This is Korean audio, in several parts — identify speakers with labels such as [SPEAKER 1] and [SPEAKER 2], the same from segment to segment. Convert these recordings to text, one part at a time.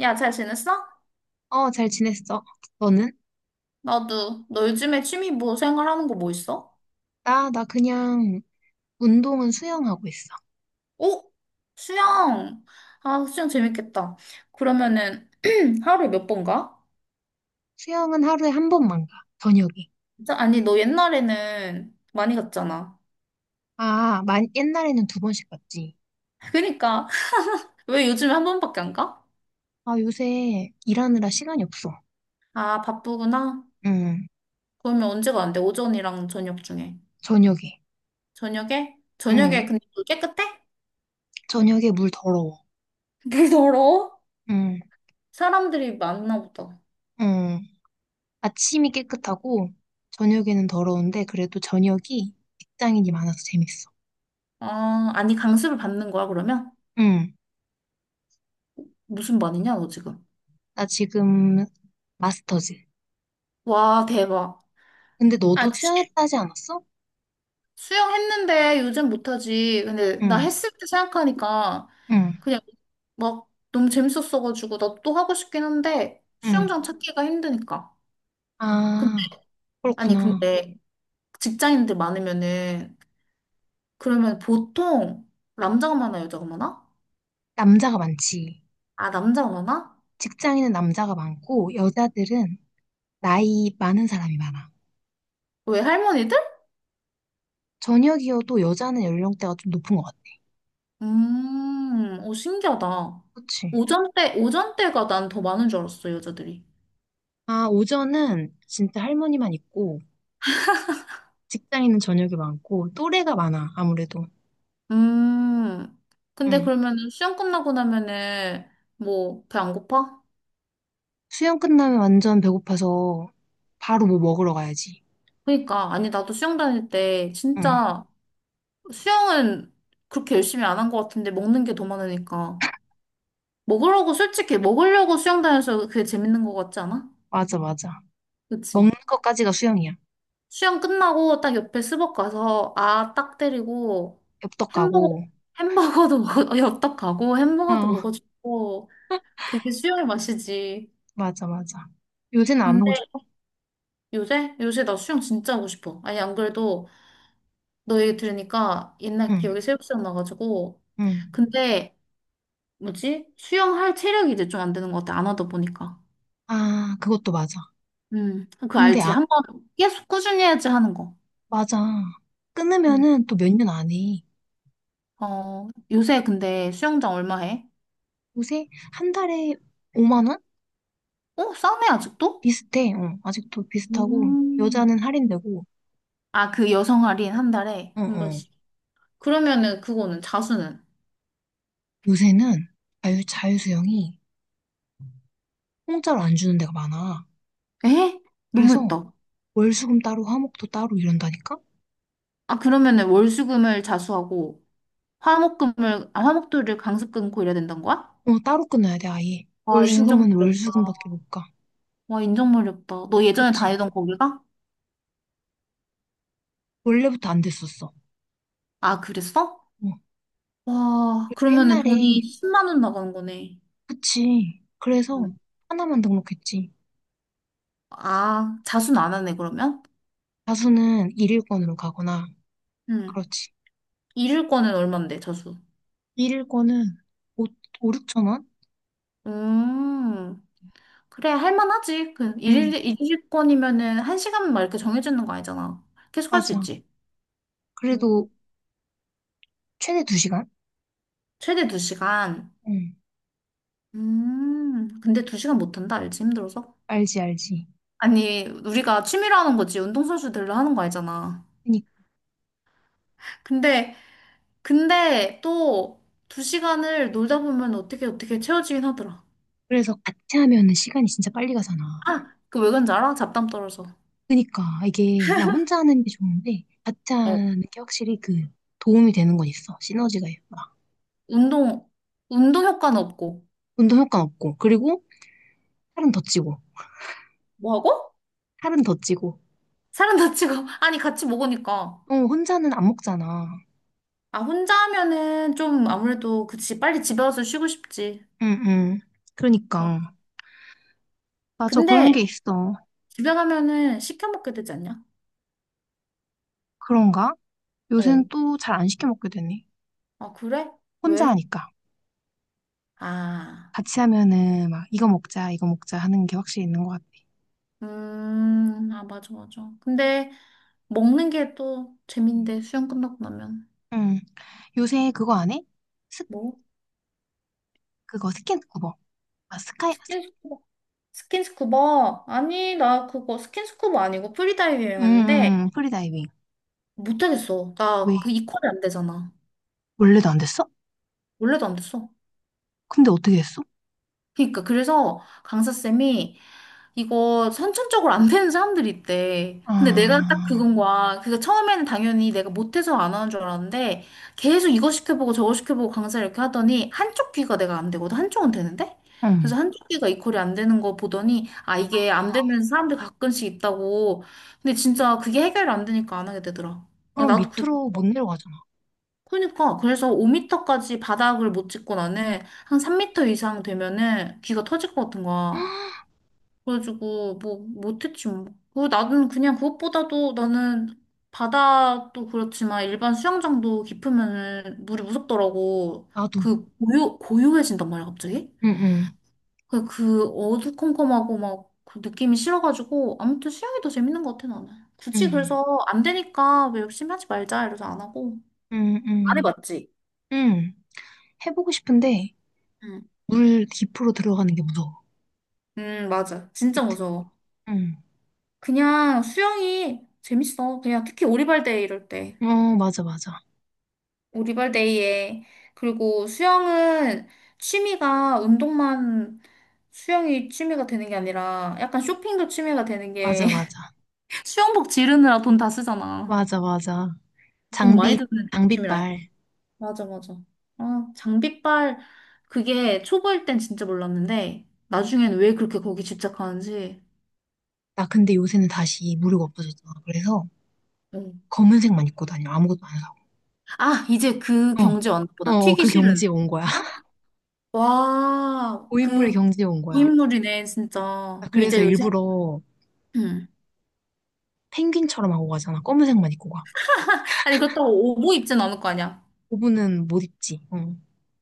[SPEAKER 1] 야, 잘 지냈어?
[SPEAKER 2] 어, 잘 지냈어. 너는?
[SPEAKER 1] 나도. 너 요즘에 취미 뭐 생활하는 거 뭐 있어?
[SPEAKER 2] 나 그냥 운동은 수영하고 있어.
[SPEAKER 1] 오? 수영. 아, 수영 재밌겠다. 그러면은 하루에 몇 번 가?
[SPEAKER 2] 수영은 하루에 한 번만 가, 저녁에.
[SPEAKER 1] 진짜? 아니, 너 옛날에는 많이 갔잖아.
[SPEAKER 2] 아, 만, 옛날에는 두 번씩 갔지.
[SPEAKER 1] 그니까 왜 요즘에 한 번밖에 안 가?
[SPEAKER 2] 아, 요새 일하느라 시간이 없어.
[SPEAKER 1] 아, 바쁘구나.
[SPEAKER 2] 응,
[SPEAKER 1] 그러면 언제 가는데? 오전이랑 저녁 중에.
[SPEAKER 2] 저녁에.
[SPEAKER 1] 저녁에?
[SPEAKER 2] 응,
[SPEAKER 1] 저녁에 근데 물 깨끗해?
[SPEAKER 2] 저녁에 물 더러워.
[SPEAKER 1] 물 더러워?
[SPEAKER 2] 응,
[SPEAKER 1] 사람들이 많나 보다.
[SPEAKER 2] 응. 아침이 깨끗하고, 저녁에는 더러운데, 그래도 저녁이 직장인이 많아서 재밌어.
[SPEAKER 1] 아, 아니 강습을 받는 거야, 그러면?
[SPEAKER 2] 응,
[SPEAKER 1] 무슨 반이냐, 너 지금?
[SPEAKER 2] 나 지금 마스터즈.
[SPEAKER 1] 와, 대박.
[SPEAKER 2] 근데
[SPEAKER 1] 아,
[SPEAKER 2] 너도
[SPEAKER 1] 치-
[SPEAKER 2] 수영했다 하지 않았어?
[SPEAKER 1] 수영했는데 요즘 못하지. 근데 나
[SPEAKER 2] 응,
[SPEAKER 1] 했을 때 생각하니까
[SPEAKER 2] 응,
[SPEAKER 1] 그냥 막 너무 재밌었어가지고 나 또 하고 싶긴 한데
[SPEAKER 2] 응.
[SPEAKER 1] 수영장 찾기가 힘드니까. 근데,
[SPEAKER 2] 아,
[SPEAKER 1] 아니,
[SPEAKER 2] 그렇구나.
[SPEAKER 1] 근데 직장인들 많으면은 그러면 보통 남자가 많아, 여자가 많아?
[SPEAKER 2] 남자가 많지.
[SPEAKER 1] 아, 남자가 많아?
[SPEAKER 2] 직장인은 남자가 많고, 여자들은 나이 많은 사람이 많아.
[SPEAKER 1] 왜 할머니들?
[SPEAKER 2] 저녁이어도 여자는 연령대가 좀 높은 것 같아.
[SPEAKER 1] 오, 신기하다.
[SPEAKER 2] 그치?
[SPEAKER 1] 오전 때가 난 더 많은 줄 알았어, 여자들이.
[SPEAKER 2] 아, 오전은 진짜 할머니만 있고, 직장인은 저녁이 많고, 또래가 많아, 아무래도.
[SPEAKER 1] 음. 근데
[SPEAKER 2] 응.
[SPEAKER 1] 그러면은 수영 끝나고 나면은 뭐 배 안 고파?
[SPEAKER 2] 수영 끝나면 완전 배고파서 바로 뭐 먹으러 가야지.
[SPEAKER 1] 그러니까 아니 나도 수영 다닐 때
[SPEAKER 2] 응,
[SPEAKER 1] 진짜 수영은 그렇게 열심히 안 한 것 같은데 먹는 게 더 많으니까 먹으려고 솔직히 먹으려고 수영 다녀서 그게 재밌는 것 같지 않아?
[SPEAKER 2] 맞아, 맞아. 먹는
[SPEAKER 1] 그치?
[SPEAKER 2] 것까지가 수영이야.
[SPEAKER 1] 수영 끝나고 딱 옆에 스벅 가서 아 딱 때리고
[SPEAKER 2] 엽떡
[SPEAKER 1] 햄버거
[SPEAKER 2] 가고.
[SPEAKER 1] 햄버거도 먹어 엽떡 가고 햄버거도
[SPEAKER 2] 어,
[SPEAKER 1] 먹어주고 그게 수영의 맛이지.
[SPEAKER 2] 맞아, 맞아. 요새는 안
[SPEAKER 1] 음.
[SPEAKER 2] 하고 싶어?
[SPEAKER 1] 요새? 요새 나 수영 진짜 하고 싶어. 아니, 안 그래도 너 얘기 들으니까 옛날
[SPEAKER 2] 응,
[SPEAKER 1] 기억이 새록 생각나가지고.
[SPEAKER 2] 응.
[SPEAKER 1] 근데, 뭐지? 수영할 체력이 이제 좀 안 되는 것 같아. 안 하다 보니까.
[SPEAKER 2] 아, 그것도 맞아.
[SPEAKER 1] 그거
[SPEAKER 2] 근데,
[SPEAKER 1] 알지?
[SPEAKER 2] 아,
[SPEAKER 1] 한 번 계속 꾸준히 해야지 하는 거.
[SPEAKER 2] 맞아.
[SPEAKER 1] 음.
[SPEAKER 2] 끊으면은 또 몇 년 안 해.
[SPEAKER 1] 어, 요새 근데 수영장 얼마 해?
[SPEAKER 2] 요새 한 달에 5만 원?
[SPEAKER 1] 어? 싸네, 아직도?
[SPEAKER 2] 비슷해. 어, 아직도 비슷하고.
[SPEAKER 1] 음.
[SPEAKER 2] 여자는 할인되고.
[SPEAKER 1] 아, 그 여성 할인 한 달에
[SPEAKER 2] 어,
[SPEAKER 1] 한
[SPEAKER 2] 어.
[SPEAKER 1] 번씩. 그러면은 그거는 자수는?
[SPEAKER 2] 요새는 자유수영이 공짜로 안 주는 데가 많아.
[SPEAKER 1] 에?
[SPEAKER 2] 그래서
[SPEAKER 1] 너무했다.
[SPEAKER 2] 월수금 따로, 화목도 따로 이런다니까?
[SPEAKER 1] 아, 그러면은 월수금을 자수하고 화목금을, 아, 화목도를 강습 끊고 이래야 된다는 거야?
[SPEAKER 2] 어, 따로 끊어야 돼, 아예.
[SPEAKER 1] 와, 인정머
[SPEAKER 2] 월수금은
[SPEAKER 1] 리
[SPEAKER 2] 월수금밖에
[SPEAKER 1] 다
[SPEAKER 2] 못 가.
[SPEAKER 1] 와, 인정머리다너 예전에
[SPEAKER 2] 그치?
[SPEAKER 1] 다니던 거기가?
[SPEAKER 2] 원래부터 안 됐었어.
[SPEAKER 1] 아, 그랬어?
[SPEAKER 2] 어.
[SPEAKER 1] 와,
[SPEAKER 2] 그래서
[SPEAKER 1] 그러면은 돈이
[SPEAKER 2] 옛날에,
[SPEAKER 1] 10만 원 나가는 거네.
[SPEAKER 2] 그치. 그래서
[SPEAKER 1] 응.
[SPEAKER 2] 하나만 등록했지.
[SPEAKER 1] 아, 자수는 안 하네, 그러면?
[SPEAKER 2] 다수는 일일권으로 가거나,
[SPEAKER 1] 응.
[SPEAKER 2] 그렇지.
[SPEAKER 1] 잃을 거는 얼만데, 자수?
[SPEAKER 2] 일일권은 5, 오 6천 원?
[SPEAKER 1] 음, 그래, 할만하지. 그,
[SPEAKER 2] 응,
[SPEAKER 1] 잃을 건이면은 한 시간 막 이렇게 정해지는 거 아니잖아. 계속 할 수
[SPEAKER 2] 맞아.
[SPEAKER 1] 있지.
[SPEAKER 2] 그래도
[SPEAKER 1] 음,
[SPEAKER 2] 최대 2시간?
[SPEAKER 1] 최대 두 시간.
[SPEAKER 2] 응,
[SPEAKER 1] 근데 두 시간 못 한다, 알지? 힘들어서.
[SPEAKER 2] 알지, 알지.
[SPEAKER 1] 아니, 우리가 취미로 하는 거지. 운동선수들로 하는 거 아니잖아.
[SPEAKER 2] 그니,
[SPEAKER 1] 근데, 근데 또 두 시간을 놀다 보면 어떻게 어떻게 채워지긴 하더라.
[SPEAKER 2] 그래서 같이 하면은 시간이 진짜 빨리 가잖아.
[SPEAKER 1] 아, 그 왜 그런지 알아? 잡담 떨어져.
[SPEAKER 2] 그니까, 이게 나 혼자 하는 게 좋은데, 같이
[SPEAKER 1] 어,
[SPEAKER 2] 하는 게 확실히 그 도움이 되는 건 있어. 시너지가 있어
[SPEAKER 1] 운동, 운동 효과는 없고.
[SPEAKER 2] 운동 효과 없고, 그리고 살은 더 찌고,
[SPEAKER 1] 뭐하고?
[SPEAKER 2] 살은 더 찌고.
[SPEAKER 1] 사람 다치고. 아니, 같이 먹으니까.
[SPEAKER 2] 어, 혼자는 안 먹잖아.
[SPEAKER 1] 아, 혼자 하면은 좀 아무래도 그치. 빨리 집에 와서 쉬고 싶지.
[SPEAKER 2] 응, 응.
[SPEAKER 1] 어.
[SPEAKER 2] 그러니까. 맞아, 그런
[SPEAKER 1] 근데
[SPEAKER 2] 게 있어.
[SPEAKER 1] 집에 가면은 시켜 먹게 되지 않냐?
[SPEAKER 2] 그런가? 요새는
[SPEAKER 1] 어.
[SPEAKER 2] 또 잘 안 시켜 먹게 되네.
[SPEAKER 1] 아, 그래?
[SPEAKER 2] 혼자
[SPEAKER 1] 왜?
[SPEAKER 2] 하니까.
[SPEAKER 1] 아.
[SPEAKER 2] 같이 하면은 막 이거 먹자, 이거 먹자 하는 게 확실히 있는 것 같아.
[SPEAKER 1] 아, 맞아, 맞아. 근데 먹는 게 또
[SPEAKER 2] 음.
[SPEAKER 1] 재밌는데, 수영 끝나고 나면.
[SPEAKER 2] 응. 요새 그거 안 해? 스,
[SPEAKER 1] 뭐?
[SPEAKER 2] 그거 스킨스쿠버. 아, 스카이, 스,
[SPEAKER 1] 스킨스쿠버. 스킨스쿠버? 아니, 나 그거 스킨스쿠버 아니고 프리다이빙했는데,
[SPEAKER 2] 프리다이빙.
[SPEAKER 1] 못하겠어.
[SPEAKER 2] 왜?
[SPEAKER 1] 나 그 이퀄이 안 되잖아.
[SPEAKER 2] 원래도 안 됐어?
[SPEAKER 1] 원래도 안 됐어.
[SPEAKER 2] 근데 어떻게 했어?
[SPEAKER 1] 그니까, 그래서 강사쌤이 이거 선천적으로 안 되는 사람들이 있대. 근데 내가 딱
[SPEAKER 2] 아,
[SPEAKER 1] 그건 거야. 그니까 처음에는 당연히 내가 못해서 안 하는 줄 알았는데 계속 이거 시켜보고 저거 시켜보고 강사를 이렇게 하더니 한쪽 귀가 내가 안 되거든. 한쪽은 되는데?
[SPEAKER 2] 응.
[SPEAKER 1] 그래서 한쪽 귀가 이퀄이 안 되는 거 보더니 아 이게 안 되는 사람들 가끔씩 있다고. 근데 진짜 그게 해결이 안 되니까 안 하게 되더라. 아,
[SPEAKER 2] 그럼
[SPEAKER 1] 나도 그
[SPEAKER 2] 밑으로 못
[SPEAKER 1] 어.
[SPEAKER 2] 내려가잖아.
[SPEAKER 1] 그러니까 그래서 5m까지 바닥을 못 찍고 나는 한 3m 이상 되면은 귀가 터질 것 같은 거야. 그래가지고 뭐 못했지 뭐. 그 나는 그냥 그것보다도 나는 바다도 그렇지만 일반 수영장도 깊으면은 물이 무섭더라고.
[SPEAKER 2] 나도.
[SPEAKER 1] 그 고요해진단 말이야 갑자기.
[SPEAKER 2] 응, 응,
[SPEAKER 1] 그 어두컴컴하고 막 그 느낌이 싫어가지고 아무튼 수영이 더 재밌는 것 같아 나는. 굳이
[SPEAKER 2] 응,
[SPEAKER 1] 그래서 안 되니까 왜 열심히 하지 말자 이래서 안 하고.
[SPEAKER 2] 응,
[SPEAKER 1] 안
[SPEAKER 2] 응.
[SPEAKER 1] 해봤지?
[SPEAKER 2] 응. 해보고 싶은데,
[SPEAKER 1] 응.
[SPEAKER 2] 물 깊으로 들어가는 게 무서워.
[SPEAKER 1] 응 맞아. 진짜
[SPEAKER 2] 밑에.
[SPEAKER 1] 무서워.
[SPEAKER 2] 응.
[SPEAKER 1] 그냥 수영이 재밌어. 그냥 특히 오리발 데이 이럴 때.
[SPEAKER 2] 어, 맞아, 맞아.
[SPEAKER 1] 우리발데이에 그리고 수영은 취미가 운동만 수영이 취미가 되는 게 아니라 약간 쇼핑도 취미가 되는 게
[SPEAKER 2] 맞아, 맞아.
[SPEAKER 1] 수영복 지르느라 돈 다 쓰잖아.
[SPEAKER 2] 맞아, 맞아.
[SPEAKER 1] 돈 많이
[SPEAKER 2] 장비,
[SPEAKER 1] 드는 취미라니까.
[SPEAKER 2] 장비빨.
[SPEAKER 1] 맞아, 맞아. 아, 장비빨 그게 초보일 땐 진짜 몰랐는데 나중엔 왜 그렇게 거기 집착하는지.
[SPEAKER 2] 나 근데 요새는 다시 무료가 없어졌잖아. 그래서
[SPEAKER 1] 응.
[SPEAKER 2] 검은색만 입고 다녀. 아무것도 안 사고.
[SPEAKER 1] 아, 이제 그 경제
[SPEAKER 2] 어, 어,
[SPEAKER 1] 완납보다
[SPEAKER 2] 어,
[SPEAKER 1] 튀기
[SPEAKER 2] 그
[SPEAKER 1] 싫은.
[SPEAKER 2] 경지에 온 거야.
[SPEAKER 1] 어? 와,
[SPEAKER 2] 고인물의
[SPEAKER 1] 그
[SPEAKER 2] 경지에 온 거야.
[SPEAKER 1] 고인물이네, 진짜.
[SPEAKER 2] 나
[SPEAKER 1] 그럼
[SPEAKER 2] 그래서
[SPEAKER 1] 이제 요새
[SPEAKER 2] 일부러
[SPEAKER 1] 응.
[SPEAKER 2] 펭귄처럼 하고 가잖아. 검은색만 입고 가.
[SPEAKER 1] 아니, 그렇다고 오보 입진 않을 거 아니야.
[SPEAKER 2] 고분은 못 입지. 어,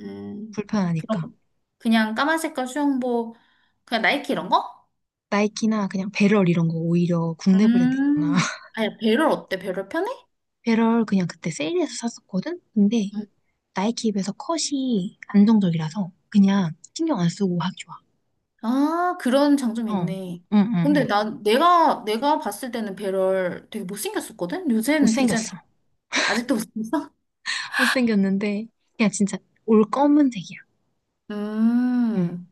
[SPEAKER 1] 음,
[SPEAKER 2] 불편하니까.
[SPEAKER 1] 그럼 그냥 까만 색깔 수영복, 그냥 나이키 이런 거?
[SPEAKER 2] 나이키나 그냥 배럴 이런 거 오히려 국내 브랜드 있잖아.
[SPEAKER 1] 음. 아니, 배럴 어때? 배럴 편해?
[SPEAKER 2] 배럴 그냥 그때 세일해서 샀었거든? 근데
[SPEAKER 1] 음.
[SPEAKER 2] 나이키 앱에서 컷이 안정적이라서 그냥 신경 안 쓰고 하기 좋아.
[SPEAKER 1] 아, 그런 장점이
[SPEAKER 2] 어, 응,
[SPEAKER 1] 있네.
[SPEAKER 2] 응,
[SPEAKER 1] 근데
[SPEAKER 2] 응.
[SPEAKER 1] 난 내가 봤을 때는 배럴 되게 못생겼었거든? 요새는 디자인 잘
[SPEAKER 2] 못생겼어.
[SPEAKER 1] 나와. 아직도 못생겼어?
[SPEAKER 2] 못생겼는데, 그냥 진짜 올 검은색이야. 응.
[SPEAKER 1] 음.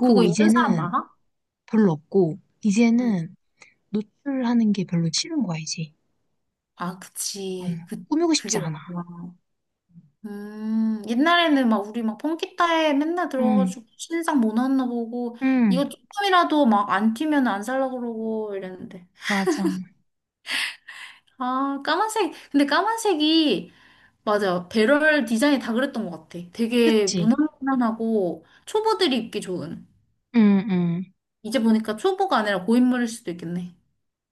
[SPEAKER 1] 그거 입는 사람
[SPEAKER 2] 이제는
[SPEAKER 1] 많아?
[SPEAKER 2] 별로 없고,
[SPEAKER 1] 응.
[SPEAKER 2] 이제는 노출하는 게 별로 싫은 거야, 이제.
[SPEAKER 1] 아,
[SPEAKER 2] 어.
[SPEAKER 1] 그치. 그
[SPEAKER 2] 꾸미고 싶지
[SPEAKER 1] 그게
[SPEAKER 2] 않아.
[SPEAKER 1] 맞구나. 옛날에는 막 우리 막 펑키타에 맨날
[SPEAKER 2] 응,
[SPEAKER 1] 들어가지고 신상 뭐 나왔나 보고 이거
[SPEAKER 2] 응,
[SPEAKER 1] 조금이라도 막 안 튀면 안 살라고 그러고 이랬는데.
[SPEAKER 2] 맞아.
[SPEAKER 1] 아, 까만색. 근데 까만색이 맞아. 배럴 디자인이 다 그랬던 것 같아. 되게
[SPEAKER 2] 그치?
[SPEAKER 1] 무난무난하고 초보들이 입기 좋은.
[SPEAKER 2] 응, 응.
[SPEAKER 1] 이제 보니까 초보가 아니라 고인물일 수도 있겠네.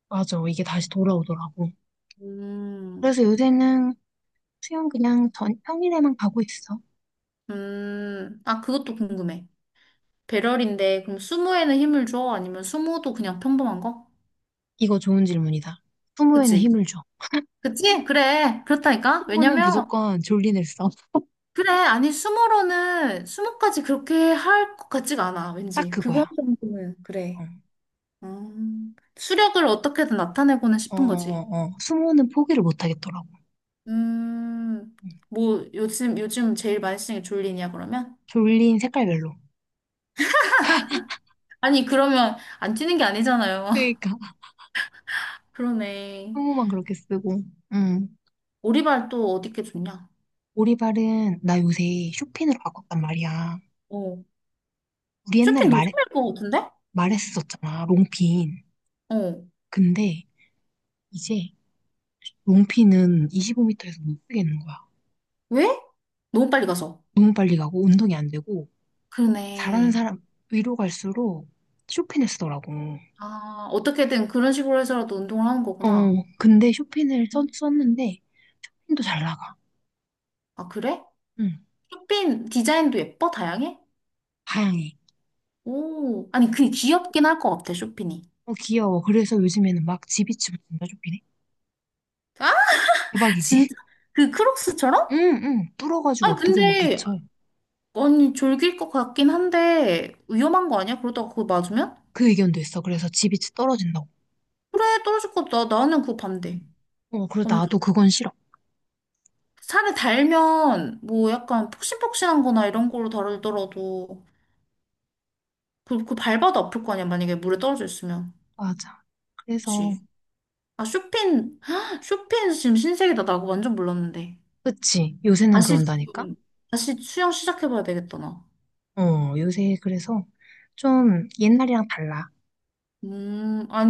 [SPEAKER 2] 맞아. 이게 다시 돌아오더라고.
[SPEAKER 1] 음,
[SPEAKER 2] 그래서 요새는 수영 그냥 평일에만 가고 있어.
[SPEAKER 1] 아, 그것도 궁금해. 배럴인데 그럼 수무에는 힘을 줘? 아니면 수무도 그냥 평범한 거?
[SPEAKER 2] 이거 좋은 질문이다. 수모에는
[SPEAKER 1] 그치?
[SPEAKER 2] 힘을 줘.
[SPEAKER 1] 그치? 그래. 그렇다니까?
[SPEAKER 2] 수모는
[SPEAKER 1] 왜냐면,
[SPEAKER 2] 무조건 졸린 일 써.
[SPEAKER 1] 그래. 아니, 수모로는, 수모까지 그렇게 할 것 같지가 않아.
[SPEAKER 2] 딱
[SPEAKER 1] 왠지. 그거
[SPEAKER 2] 그거야.
[SPEAKER 1] 정도는,
[SPEAKER 2] 어.
[SPEAKER 1] 그래. 수력을 어떻게든 나타내고는
[SPEAKER 2] 어, 어,
[SPEAKER 1] 싶은 거지.
[SPEAKER 2] 어, 어. 수모는 포기를 못 하겠더라고.
[SPEAKER 1] 음,
[SPEAKER 2] 음.
[SPEAKER 1] 뭐, 요즘 제일 많이 쓰는 게 졸린이야, 그러면?
[SPEAKER 2] 졸린 색깔별로.
[SPEAKER 1] 아니, 그러면 안 뛰는 게 아니잖아요.
[SPEAKER 2] 그러니까
[SPEAKER 1] 그러네.
[SPEAKER 2] 수모만 그렇게 쓰고. 음.
[SPEAKER 1] 오리발 또 어디 게 좋냐?
[SPEAKER 2] 오리발은 나 요새 쇼핀으로 바꿨단 말이야.
[SPEAKER 1] 어.
[SPEAKER 2] 우리 옛날에
[SPEAKER 1] 쇼핑
[SPEAKER 2] 말
[SPEAKER 1] 노점일 것 같은데?
[SPEAKER 2] 말했었잖아. 롱핀.
[SPEAKER 1] 어.
[SPEAKER 2] 근데 이제 롱핀은 25m에서 못 쓰겠는 거야.
[SPEAKER 1] 왜? 너무 빨리 가서.
[SPEAKER 2] 너무 빨리 가고 운동이 안 되고 잘하는
[SPEAKER 1] 그러네.
[SPEAKER 2] 사람 위로 갈수록 쇼핀을 쓰더라고.
[SPEAKER 1] 아, 어떻게든 그런 식으로 해서라도 운동을 하는 거구나.
[SPEAKER 2] 어, 근데 쇼핀을 썼,
[SPEAKER 1] 음.
[SPEAKER 2] 썼는데 힘도 잘 나가.
[SPEAKER 1] 아, 그래?
[SPEAKER 2] 응,
[SPEAKER 1] 쇼핑 디자인도 예뻐? 다양해?
[SPEAKER 2] 다양해.
[SPEAKER 1] 오, 아니, 그 귀엽긴 할 것 같아, 쇼핑이.
[SPEAKER 2] 어, 귀여워. 그래서 요즘에는 막 지비치터인짜쇼긴네
[SPEAKER 1] 아?
[SPEAKER 2] 대박이지?
[SPEAKER 1] 진짜? 그 크록스처럼?
[SPEAKER 2] 응, 응. 뚫어가지고
[SPEAKER 1] 아,
[SPEAKER 2] 어떻게든 막
[SPEAKER 1] 근데,
[SPEAKER 2] 붙여.
[SPEAKER 1] 아니, 졸길 것 같긴 한데, 위험한 거 아니야? 그러다가 그거 맞으면?
[SPEAKER 2] 그 의견도 있어. 그래서 지비치 떨어진다고.
[SPEAKER 1] 그래, 떨어질 것 같아. 나- 나는 그거 반대.
[SPEAKER 2] 어, 그래서
[SPEAKER 1] 완전.
[SPEAKER 2] 나도 그건 싫어.
[SPEAKER 1] 살을 달면, 뭐, 약간 폭신폭신한 거나 이런 걸로 다르더라도, 그 발바도 아플 거 아니야, 만약에 물에 떨어져 있으면.
[SPEAKER 2] 맞아. 그래서,
[SPEAKER 1] 그치? 아, 쇼핀, 헉, 쇼핀 지금 신세계다. 나 그거 완전 몰랐는데.
[SPEAKER 2] 그치. 요새는
[SPEAKER 1] 다시
[SPEAKER 2] 그런다니까?
[SPEAKER 1] 지금, 다시 수영 시작해봐야 되겠다, 나.
[SPEAKER 2] 어, 요새 그래서 좀 옛날이랑 달라.
[SPEAKER 1] 아니.